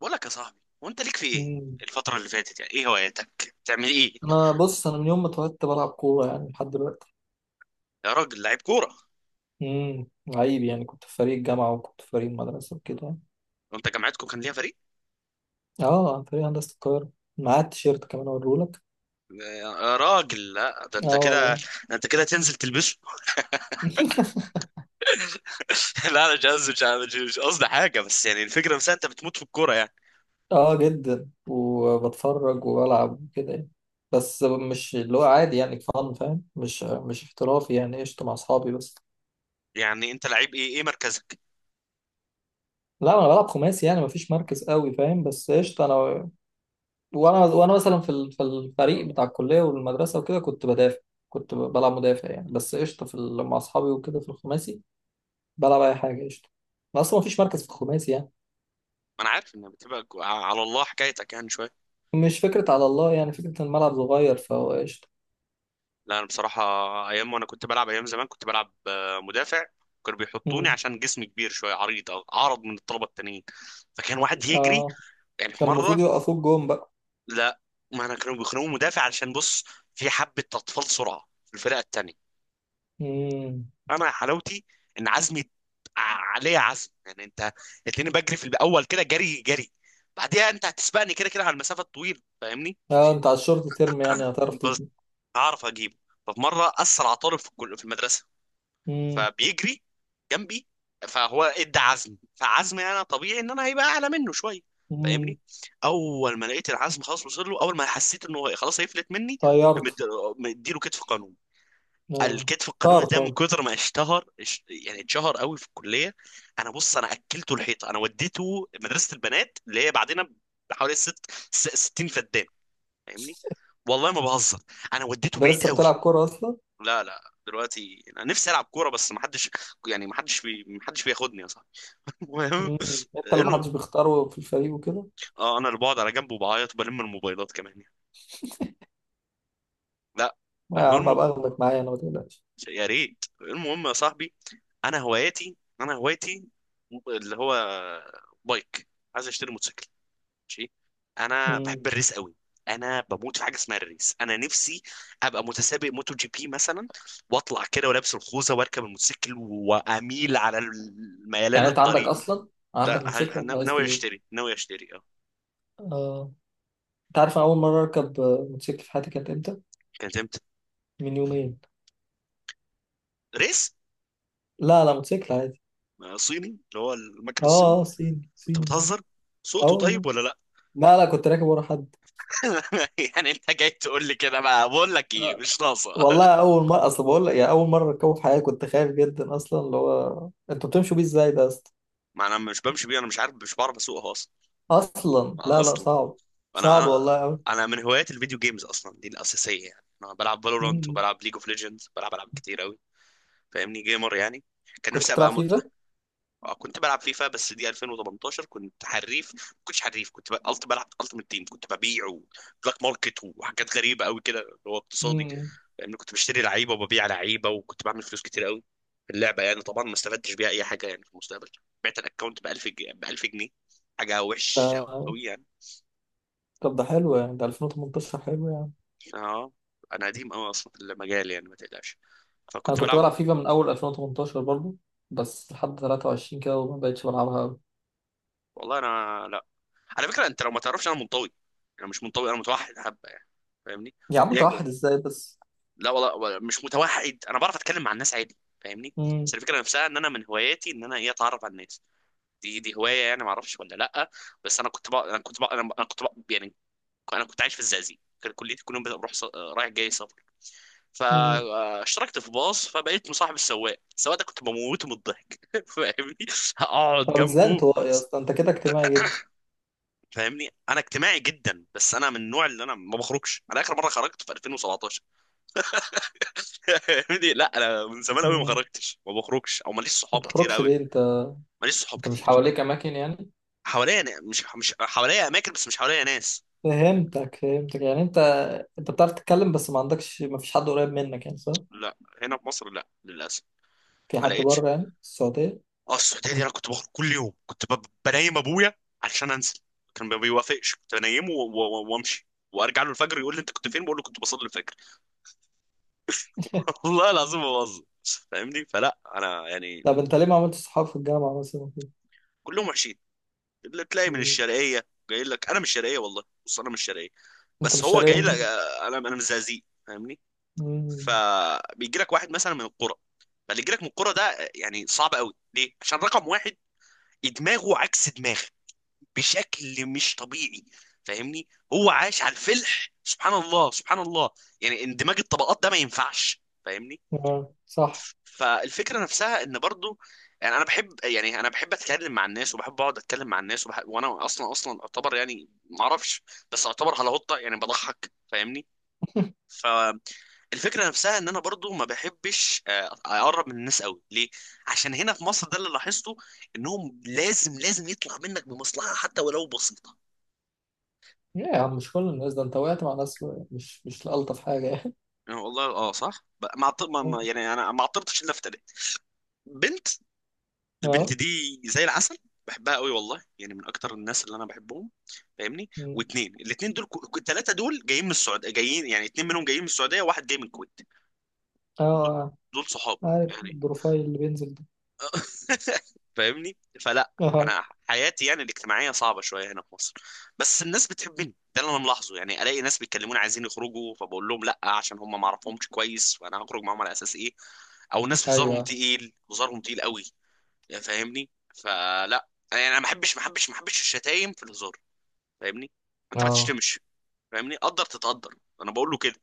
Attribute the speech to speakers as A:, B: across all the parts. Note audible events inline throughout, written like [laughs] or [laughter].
A: بقول لك يا صاحبي، وانت ليك في ايه
B: مم.
A: الفترة اللي فاتت؟ يعني ايه هواياتك؟ بتعمل ايه؟
B: انا بص، انا من يوم ما اتولدت بلعب كوره يعني لحد دلوقتي.
A: يا راجل لعيب كورة!
B: امم عيب يعني، كنت في فريق الجامعه وكنت في فريق المدرسه وكده.
A: وانت جامعتكم كان ليها فريق؟
B: اه، فريق هندسه القاهره، معايا التيشيرت كمان اوريهولك.
A: يا راجل لا، ده
B: اه
A: انت كده،
B: والله.
A: تنزل تلبسه.
B: [laughs]
A: [laughs] لا انا مش قصدي، مش قصدي حاجة، بس يعني الفكرة نفسها انت بتموت في الكورة يعني.
B: اه جدا، وبتفرج والعب وكده يعني. بس مش اللي هو عادي، يعني فن فاهم، مش احترافي يعني، قشطه مع اصحابي بس.
A: يعني انت لعيب ايه مركزك؟
B: لا انا بلعب خماسي يعني، مفيش مركز قوي فاهم، بس قشطه انا. وانا مثلا في الفريق بتاع الكليه والمدرسه وكده كنت بدافع. كنت بلعب مدافع يعني، بس قشطه مع اصحابي وكده في الخماسي، بلعب اي حاجه قشطه. أنا اصلا مفيش مركز في الخماسي يعني.
A: ما انا عارف انك بتبقى على الله حكايتك يعني شوية.
B: مش فكره على الله يعني، فكره إن الملعب صغير فهو قشطه.
A: لا انا بصراحة ايام وانا كنت بلعب، ايام زمان كنت بلعب مدافع. كانوا بيحطوني
B: مم.
A: عشان جسمي كبير شوية، عريض او اعرض من الطلبة التانيين، فكان واحد يجري.
B: اه،
A: يعني في
B: كان
A: مرة،
B: المفروض يوقفوك جون بقى.
A: لا ما انا كانوا بيخنقوا مدافع علشان بص، في حبة أطفال سرعة في الفرقة التانية.
B: مم.
A: انا حلاوتي ان عزمي ع- عليه عزم. يعني انت اتلاقيني بجري في الاول كده جري جري، بعديها انت هتسبقني كده كده على المسافة الطويلة فاهمني؟
B: اه، انت على الشورت ترم يعني هتعرف
A: بس
B: تظبط.
A: هعرف اجيبه. ففي مرة اسرع طالب في في المدرسة
B: مم.
A: فبيجري جنبي، فهو ادى عزم فعزمي انا طبيعي ان انا هيبقى اعلى منه شويه
B: مم.
A: فاهمني. اول ما لقيت العزم خلاص وصل له، اول ما حسيت انه خلاص هيفلت مني،
B: طيرت.
A: مد- مديله كتف قانون.
B: اه.
A: الكتف
B: طار
A: القانوني ده من
B: طار.
A: كتر ما اشتهر يعني اتشهر قوي في الكليه. انا بص، انا اكلته الحيطه، انا وديته مدرسه البنات اللي هي بعدين بحوالي 60 فدان فاهمني. والله ما بهزر، انا وديته
B: ده
A: بعيد
B: لسه
A: قوي.
B: بتلعب كوره اصلا؟
A: لا لا، دلوقتي انا نفسي العب كوره بس ما حدش، يعني ما حدش ما حدش بياخدني يا صاحبي. [laughs] المهم
B: مم. انت اللي
A: انه
B: محدش بيختاره في الفريق وكده.
A: اه انا اللي بقعد على جنب وبعيط وبلم الموبايلات كمان يعني. لا
B: ما يا عم
A: المهم،
B: ابقى اخدك معايا انا، ما تقلقش.
A: يا ريت. المهم يا صاحبي انا هوايتي اللي هو بايك. عايز اشتري موتوسيكل ماشي، انا بحب
B: مم.
A: الريس قوي. انا بموت في حاجه اسمها الريس، انا نفسي ابقى متسابق موتو جي بي مثلا، واطلع كده ولابس الخوذه واركب الموتوسيكل واميل على ميلان
B: يعني انت عندك
A: الطريق.
B: اصلا،
A: لا
B: عندك
A: هج...
B: موتوسيكل
A: أنا
B: ولا عايز
A: ناوي
B: تجيب؟
A: اشتري، ناوي اشتري. اه
B: اه. انت عارف انا اول مره اركب آه، موتوسيكل في حياتي كانت امتى؟
A: كانت امتى؟
B: من يومين.
A: ريس؟
B: لا لا، موتوسيكل عادي.
A: صيني، اللي هو المكن الصيني.
B: اه اه، صيني
A: انت
B: صيني.
A: بتهزر،
B: اه
A: سوقته
B: والله.
A: طيب ولا لا؟
B: لا لا، كنت راكب ورا حد.
A: [laughs] يعني انت جاي تقول لي كده؟ بقى بقول لك ايه،
B: آه،
A: مش ناقصه.
B: والله اول مره، اصل بقول لك يعني اول مره اركبه في حياتي، كنت خايف جدا اصلا، اللي هو انتوا بتمشوا بيه ازاي ده يا اسطى.
A: [laughs] ما انا مش بمشي بيه، انا مش عارف، مش بعرف اسوقها اصلا.
B: اصلا
A: ما
B: لا لا،
A: اصلا
B: صعب.
A: انا
B: صعب
A: انا
B: والله قوي.
A: انا من هوايات الفيديو جيمز اصلا، دي الاساسيه يعني. انا بلعب فالورانت وبلعب ليج اوف ليجندز، بلعب العاب كتير قوي فاهمني، جيمر يعني. كان
B: كنت
A: نفسي
B: بتلعب
A: ابقى
B: فيفا؟
A: كنت بلعب فيفا، بس دي 2018. كنت حريف، ما كنتش حريف كنت ب... قلت بلعب التيم تيم، كنت ببيع وبلاك ماركت وحاجات غريبه قوي كده، اللي هو اقتصادي.
B: امم.
A: لان كنت بشتري لعيبه وببيع لعيبه وكنت بعمل فلوس كتير قوي في اللعبه يعني. طبعا ما استفدتش بيها اي حاجه يعني في المستقبل. بعت الاكونت ب 1000 جنيه، حاجه وحش
B: ده
A: قوي.
B: طب ده حلو يعني، ده 2018 حلو.
A: اه انا قديم قوي اصلا في المجال، يعني ما تقلقش.
B: انا
A: فكنت
B: كنت
A: بلعب.
B: بلعب فيفا من اول 2018 برضو، بس لحد 23 كده وما بقتش بلعبها قوي.
A: والله انا لا، على فكره انت لو ما تعرفش انا منطوي، انا مش منطوي، انا متوحد حبه يعني فاهمني.
B: يا عم
A: ليه جو-
B: متوحد ازاي بس؟
A: لا والله، مش متوحد، انا بعرف اتكلم مع الناس عادي فاهمني.
B: امم.
A: بس الفكره نفسها ان انا من هواياتي ان انا ايه، اتعرف على الناس. دي هوايه يعني، ما اعرفش ولا لا؟ بس انا كنت بقى يعني، انا كنت عايش في الزقازيق، كان كليتي كل يوم بروح رايح جاي سفر.
B: امم.
A: فاشتركت في باص فبقيت مصاحب السواق. السواق ده كنت بموته من الضحك [laughs] فاهمني، اقعد
B: طب ازاي
A: جنبه.
B: انطوائي يا اسطى؟ انت كده اجتماعي جدا.
A: فاهمني انا اجتماعي جدا، بس انا من النوع اللي انا ما بخرجش. انا اخر مره خرجت في 2017 [laughs] فاهمني. لا انا من زمان قوي ما
B: امم.
A: خرجتش، ما بخرجش، او ماليش صحاب
B: ما
A: كتير
B: بتخرجش
A: قوي.
B: ليه انت؟
A: ماليش صحاب
B: انت مش
A: كتير.
B: حواليك اماكن يعني؟
A: حواليا مش حواليا اماكن بس مش حواليا ناس.
B: فهمتك فهمتك، يعني انت، انت بتعرف تتكلم بس ما عندكش، ما فيش حد قريب منك يعني، صح؟
A: لا هنا في مصر لا للاسف،
B: في
A: ما
B: حد
A: لقيتش.
B: بره يعني في السعودية؟
A: اه السعوديه دي انا كنت بخرج كل يوم، كنت بنيم ابويا عشان انزل. كان ما بيوافقش، كنت بنيمه وامشي وارجع له الفجر، يقول لي انت كنت فين؟ بقول له كنت بصلي الفجر [laughs]
B: [laughs]
A: والله العظيم ما بهزر فاهمني. فلا انا يعني
B: طب انت ليه ما عملتش صحاب في الجامعة مثلا وكده؟
A: كلهم وحشين. اللي تلاقي من
B: مم.
A: الشرقيه جاي لك، انا من الشرقيه والله، بص انا من الشرقيه،
B: انت
A: بس
B: مش
A: هو
B: شرقية
A: جاي لك،
B: مني.
A: انا من الزقازيق فاهمني.
B: مم.
A: فبيجي لك واحد مثلا من القرى، فاللي يجي لك من القرى ده يعني صعب قوي. ليه؟ عشان رقم واحد، دماغه عكس دماغك بشكل مش طبيعي فاهمني. هو عاش على الفلح، سبحان الله سبحان الله. يعني اندماج الطبقات ده ما ينفعش فاهمني.
B: اه صح.
A: فالفكره نفسها ان برضو، يعني انا بحب، يعني انا بحب اتكلم مع الناس وبحب اقعد اتكلم مع الناس وبحب. وانا اصلا اصلا اعتبر يعني ما اعرفش، بس اعتبر هلاوطه يعني، بضحك فاهمني. ف الفكره نفسها ان انا برضو ما بحبش اقرب من الناس قوي. ليه؟ عشان هنا في مصر، ده اللي لاحظته، انهم لازم لازم يطلع منك بمصلحه حتى ولو بسيطه.
B: ليه يا عم، مش كل الناس، ده انت وقعت مع ناس، مش مش الطف حاجه يعني؟
A: يعني والله اه صح، ب- ما عط- ما ما-
B: [laughs]
A: يعني انا ما عطرتش الا في تلات بنت. البنت
B: اه.
A: دي زي العسل، بحبها قوي والله، يعني من اكتر الناس اللي انا بحبهم فاهمني.
B: مم.
A: واتنين، الاتنين دول، الثلاثه دول جايين من السعوديه جايين، يعني اتنين منهم جايين من السعوديه وواحد جاي من الكويت.
B: اه.
A: دول
B: آه.
A: صحاب
B: عارف
A: يعني
B: البروفايل اللي بينزل ده؟
A: [laughs] فاهمني. فلا
B: [laughs] اه.
A: انا حياتي يعني الاجتماعيه صعبه شويه هنا في مصر. بس الناس بتحبني، ده اللي انا ملاحظه، يعني الاقي ناس بيتكلموني عايزين يخرجوا، فبقول لهم لا عشان هم ما اعرفهمش كويس، وانا هخرج معاهم على اساس ايه؟ او ناس هزارهم
B: ايوه.
A: تقيل، هزارهم تقيل قوي يعني فاهمني. فلا يعني انا ما بحبش، ما بحبش الشتايم في الهزار فاهمني. انت ما
B: اه
A: تشتمش فاهمني قدر تتقدر، انا بقول له كده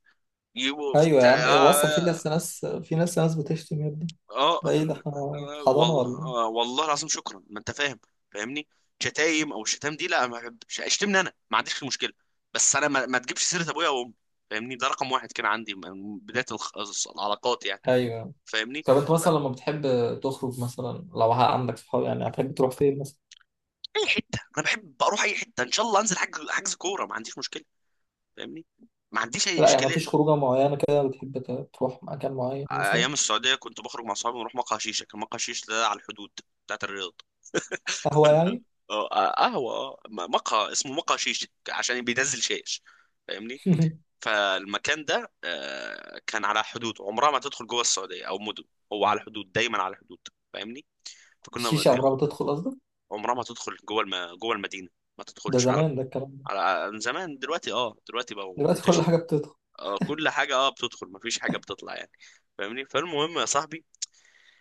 A: يو- ف-
B: ايوه
A: تع-
B: يا عم إيه، وصل، في
A: اه
B: ناس، ناس، في ناس، ناس بتشتم يا ابني،
A: آه،
B: ده ايه ده، احنا في حضانه
A: والله
B: ولا
A: والله العظيم، شكرا، ما انت فاهم فاهمني. شتايم او الشتام دي، لا ما بحبش اشتمني انا، ما عنديش مشكله، بس انا ما تجيبش سيره ابويا وامي فاهمني. ده رقم واحد كان عندي من بدايه العلاقات يعني
B: ايه؟ ايوه.
A: فاهمني.
B: طب انت مثلا لما بتحب تخرج مثلا، لو عندك صحاب يعني هتحب تروح فين مثلا؟
A: اي حته، انا بحب اروح اي حته، ان شاء الله انزل حجز حجز كوره، ما عنديش مشكله فاهمني، ما عنديش اي
B: لا يعني
A: اشكاليه.
B: مفيش خروجه معينه كده بتحب تروح مكان معين مثلا؟
A: ايام السعوديه كنت بخرج مع اصحابي ونروح مقهى شيشه. كان مقهى شيشه ده على الحدود بتاعت الرياض.
B: قهوه
A: فن-
B: يعني؟
A: آه، قهوه، مقهى اسمه مقهى شيشه عشان بينزل شاش فاهمني.
B: [laughs]
A: فالمكان ده كان على حدود، عمرها ما تدخل جوه السعوديه او مدن. هو على الحدود، دايما على الحدود فاهمني. فكنا
B: الشيشه عمرها ما
A: بندخل.
B: بتدخل قصدك؟
A: عمرها ما تدخل جوه جوه المدينه، ما
B: ده
A: تدخلش على،
B: زمان ده الكلام ده.
A: عن زمان. دلوقتي اه، دلوقتي بقى
B: دلوقتي كل
A: منتشر،
B: حاجه بتدخل.
A: اه كل حاجة بتدخل مفيش حاجة بتطلع يعني فاهمني. فالمهم يا صاحبي،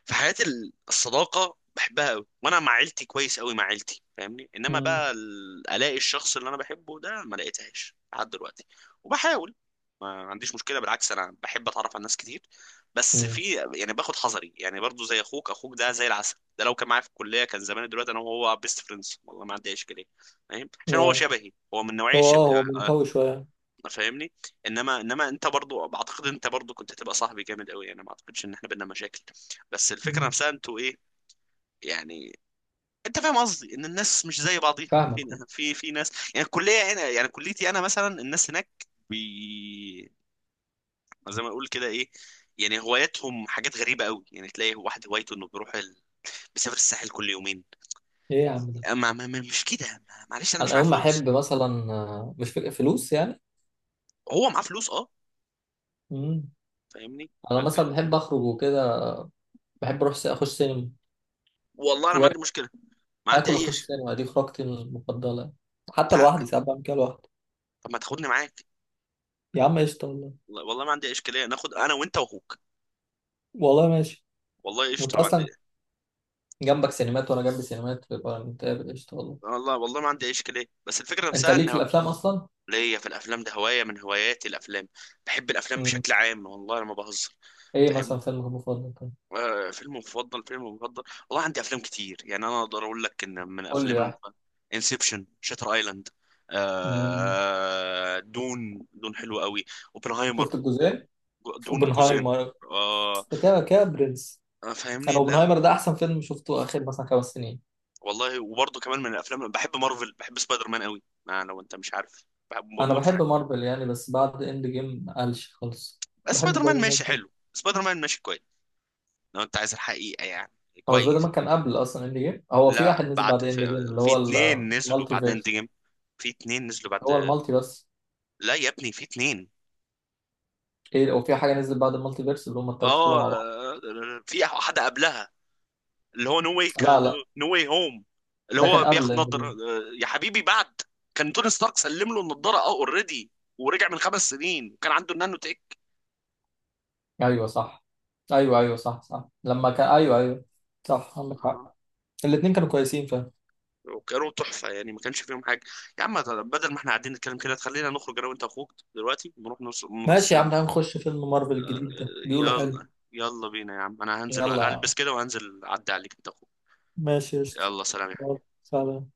A: في حياة الصداقة بحبها قوي، وانا مع عيلتي كويس قوي مع عيلتي فاهمني. انما
B: مم.
A: بقى الاقي الشخص اللي انا بحبه ده، ما لقيتهاش لحد دلوقتي، وبحاول. ما عنديش مشكلة بالعكس، انا بحب اتعرف على ناس كتير، بس في،
B: امم.
A: يعني باخد حذري يعني برضو. زي اخوك، اخوك ده زي العسل، ده لو كان معايا في الكلية كان زمان دلوقتي انا وهو بيست فريندز، والله ما عندي اي اشكالية فاهم، عشان هو
B: يا
A: شبهي، هو من
B: هو
A: نوعية شبه
B: اه، هو منطوي شوية.
A: فاهمني. انما انت برضو بعتقد، انت برضو كنت هتبقى صاحبي جامد قوي، انا ما اعتقدش ان احنا بينا مشاكل. بس الفكره
B: مم.
A: نفسها انتوا ايه، يعني انت فاهم قصدي ان الناس مش زي بعضيها،
B: فاهمك
A: في
B: آه.
A: في في ناس يعني الكليه هنا يعني كليتي انا مثلا، الناس هناك بي زي ما اقول كده ايه، يعني هواياتهم حاجات غريبه قوي. يعني تلاقي واحد هوايته انه بيروح بيسافر الساحل كل يومين.
B: ايه يا عم ده.
A: اما مش كده، معلش انا مش
B: انا
A: معايا
B: يوم ما
A: فلوس،
B: احب مثلا آه، مش فكره فلوس يعني.
A: هو معاه فلوس اه
B: مم.
A: فاهمني
B: انا مثلا بحب اخرج وكده، بحب اروح اخش سينما،
A: والله انا ما عندي مشكله، ما عندي
B: واكل
A: اي
B: واخش
A: شيء،
B: سينما، دي خروجتي المفضله، حتى لوحدي ساعات بعمل كده لوحدي.
A: طب ما تاخدني معاك
B: يا عم قشطة والله.
A: والله. والله ما عندي أي اشكاليه، ناخد انا وانت واخوك،
B: والله ماشي.
A: والله
B: انت
A: قشطه ما
B: اصلا
A: عندي.
B: جنبك سينمات وانا جنبي سينمات، يبقى نتقابل قشطه والله.
A: والله والله ما عندي أي اشكاليه، بس الفكره
B: انت
A: نفسها
B: ليك في
A: ان
B: الافلام اصلا؟
A: ليا في الافلام ده، هوايه من هواياتي الافلام، بحب الافلام
B: مم.
A: بشكل عام والله انا ما بهزر
B: ايه
A: فاهم.
B: مثلا فيلمك المفضل كان؟
A: آه فيلم مفضل، فيلم مفضل، والله عندي افلام كتير. يعني انا اقدر اقول لك ان من
B: قول
A: افلام
B: لي واحد.
A: انسبشن، شاتر ايلاند،
B: مم.
A: آه دون دون، حلو قوي. اوبنهايمر،
B: شفت الجزئين؟
A: دون جزئين
B: اوبنهايمر.
A: آه
B: كده كده برنس. انا
A: فاهمني. لا
B: اوبنهايمر ده احسن فيلم شفته اخر مثلا 5 سنين.
A: والله، وبرضه كمان من الافلام بحب مارفل، بحب سبايدر مان قوي، ما لو انت مش عارف، بحب،
B: انا
A: بموت في
B: بحب
A: حاجه.
B: مارفل يعني، بس بعد اند جيم قالش خالص.
A: بس
B: بحب
A: سبايدر مان
B: سبايدر مان
A: ماشي
B: ده.
A: حلو، سبايدر مان ماشي كويس، لو انت عايز الحقيقه يعني،
B: هو سبايدر
A: كويس.
B: مان كان قبل اصلا اند جيم، هو في واحد
A: لا
B: نزل
A: بعد
B: بعد اند جيم اللي
A: في
B: هو
A: اتنين نزلوا
B: المالتي
A: بعد اند
B: فيرس.
A: جيم، في اتنين نزلوا
B: هو
A: بعد.
B: المالتي بس؟
A: لا يا ابني في اتنين،
B: ايه، او في حاجه نزلت بعد المالتي فيرس، اللي هم الثلاثه طلعوا
A: اه
B: مع بعض.
A: في واحده قبلها، اللي هو نو واي
B: لا
A: كان،
B: لا،
A: نو واي هوم، اللي
B: ده كان
A: هو
B: قبل
A: بياخد
B: اند
A: نضاره
B: جيم.
A: يا حبيبي بعد. كان توني ستارك سلم له النضاره اه اوريدي، ورجع من 5 سنين وكان عنده النانو تيك،
B: ايوه صح. ايوه ايوه صح صح، لما كان، ايوه ايوه، صح عندك حق. الاثنين كانوا كويسين فاهم.
A: وكانوا تحفه يعني ما كانش فيهم حاجه. يا عم طب بدل ما احنا قاعدين نتكلم كده، تخلينا نخرج انا وانت اخوك دلوقتي، ونروح نروح
B: ماشي يا
A: السينما.
B: عم، تعال نخش فيلم مارفل الجديد ده، بيقولوا حلو.
A: يلا يلا بينا يا عم، انا هنزل
B: يلا يا عم.
A: البس كده وهنزل اعدي عليك انت اخوك.
B: ماشي قشطة.
A: يلا سلام يا
B: يلا،
A: حبيبي.
B: سلام.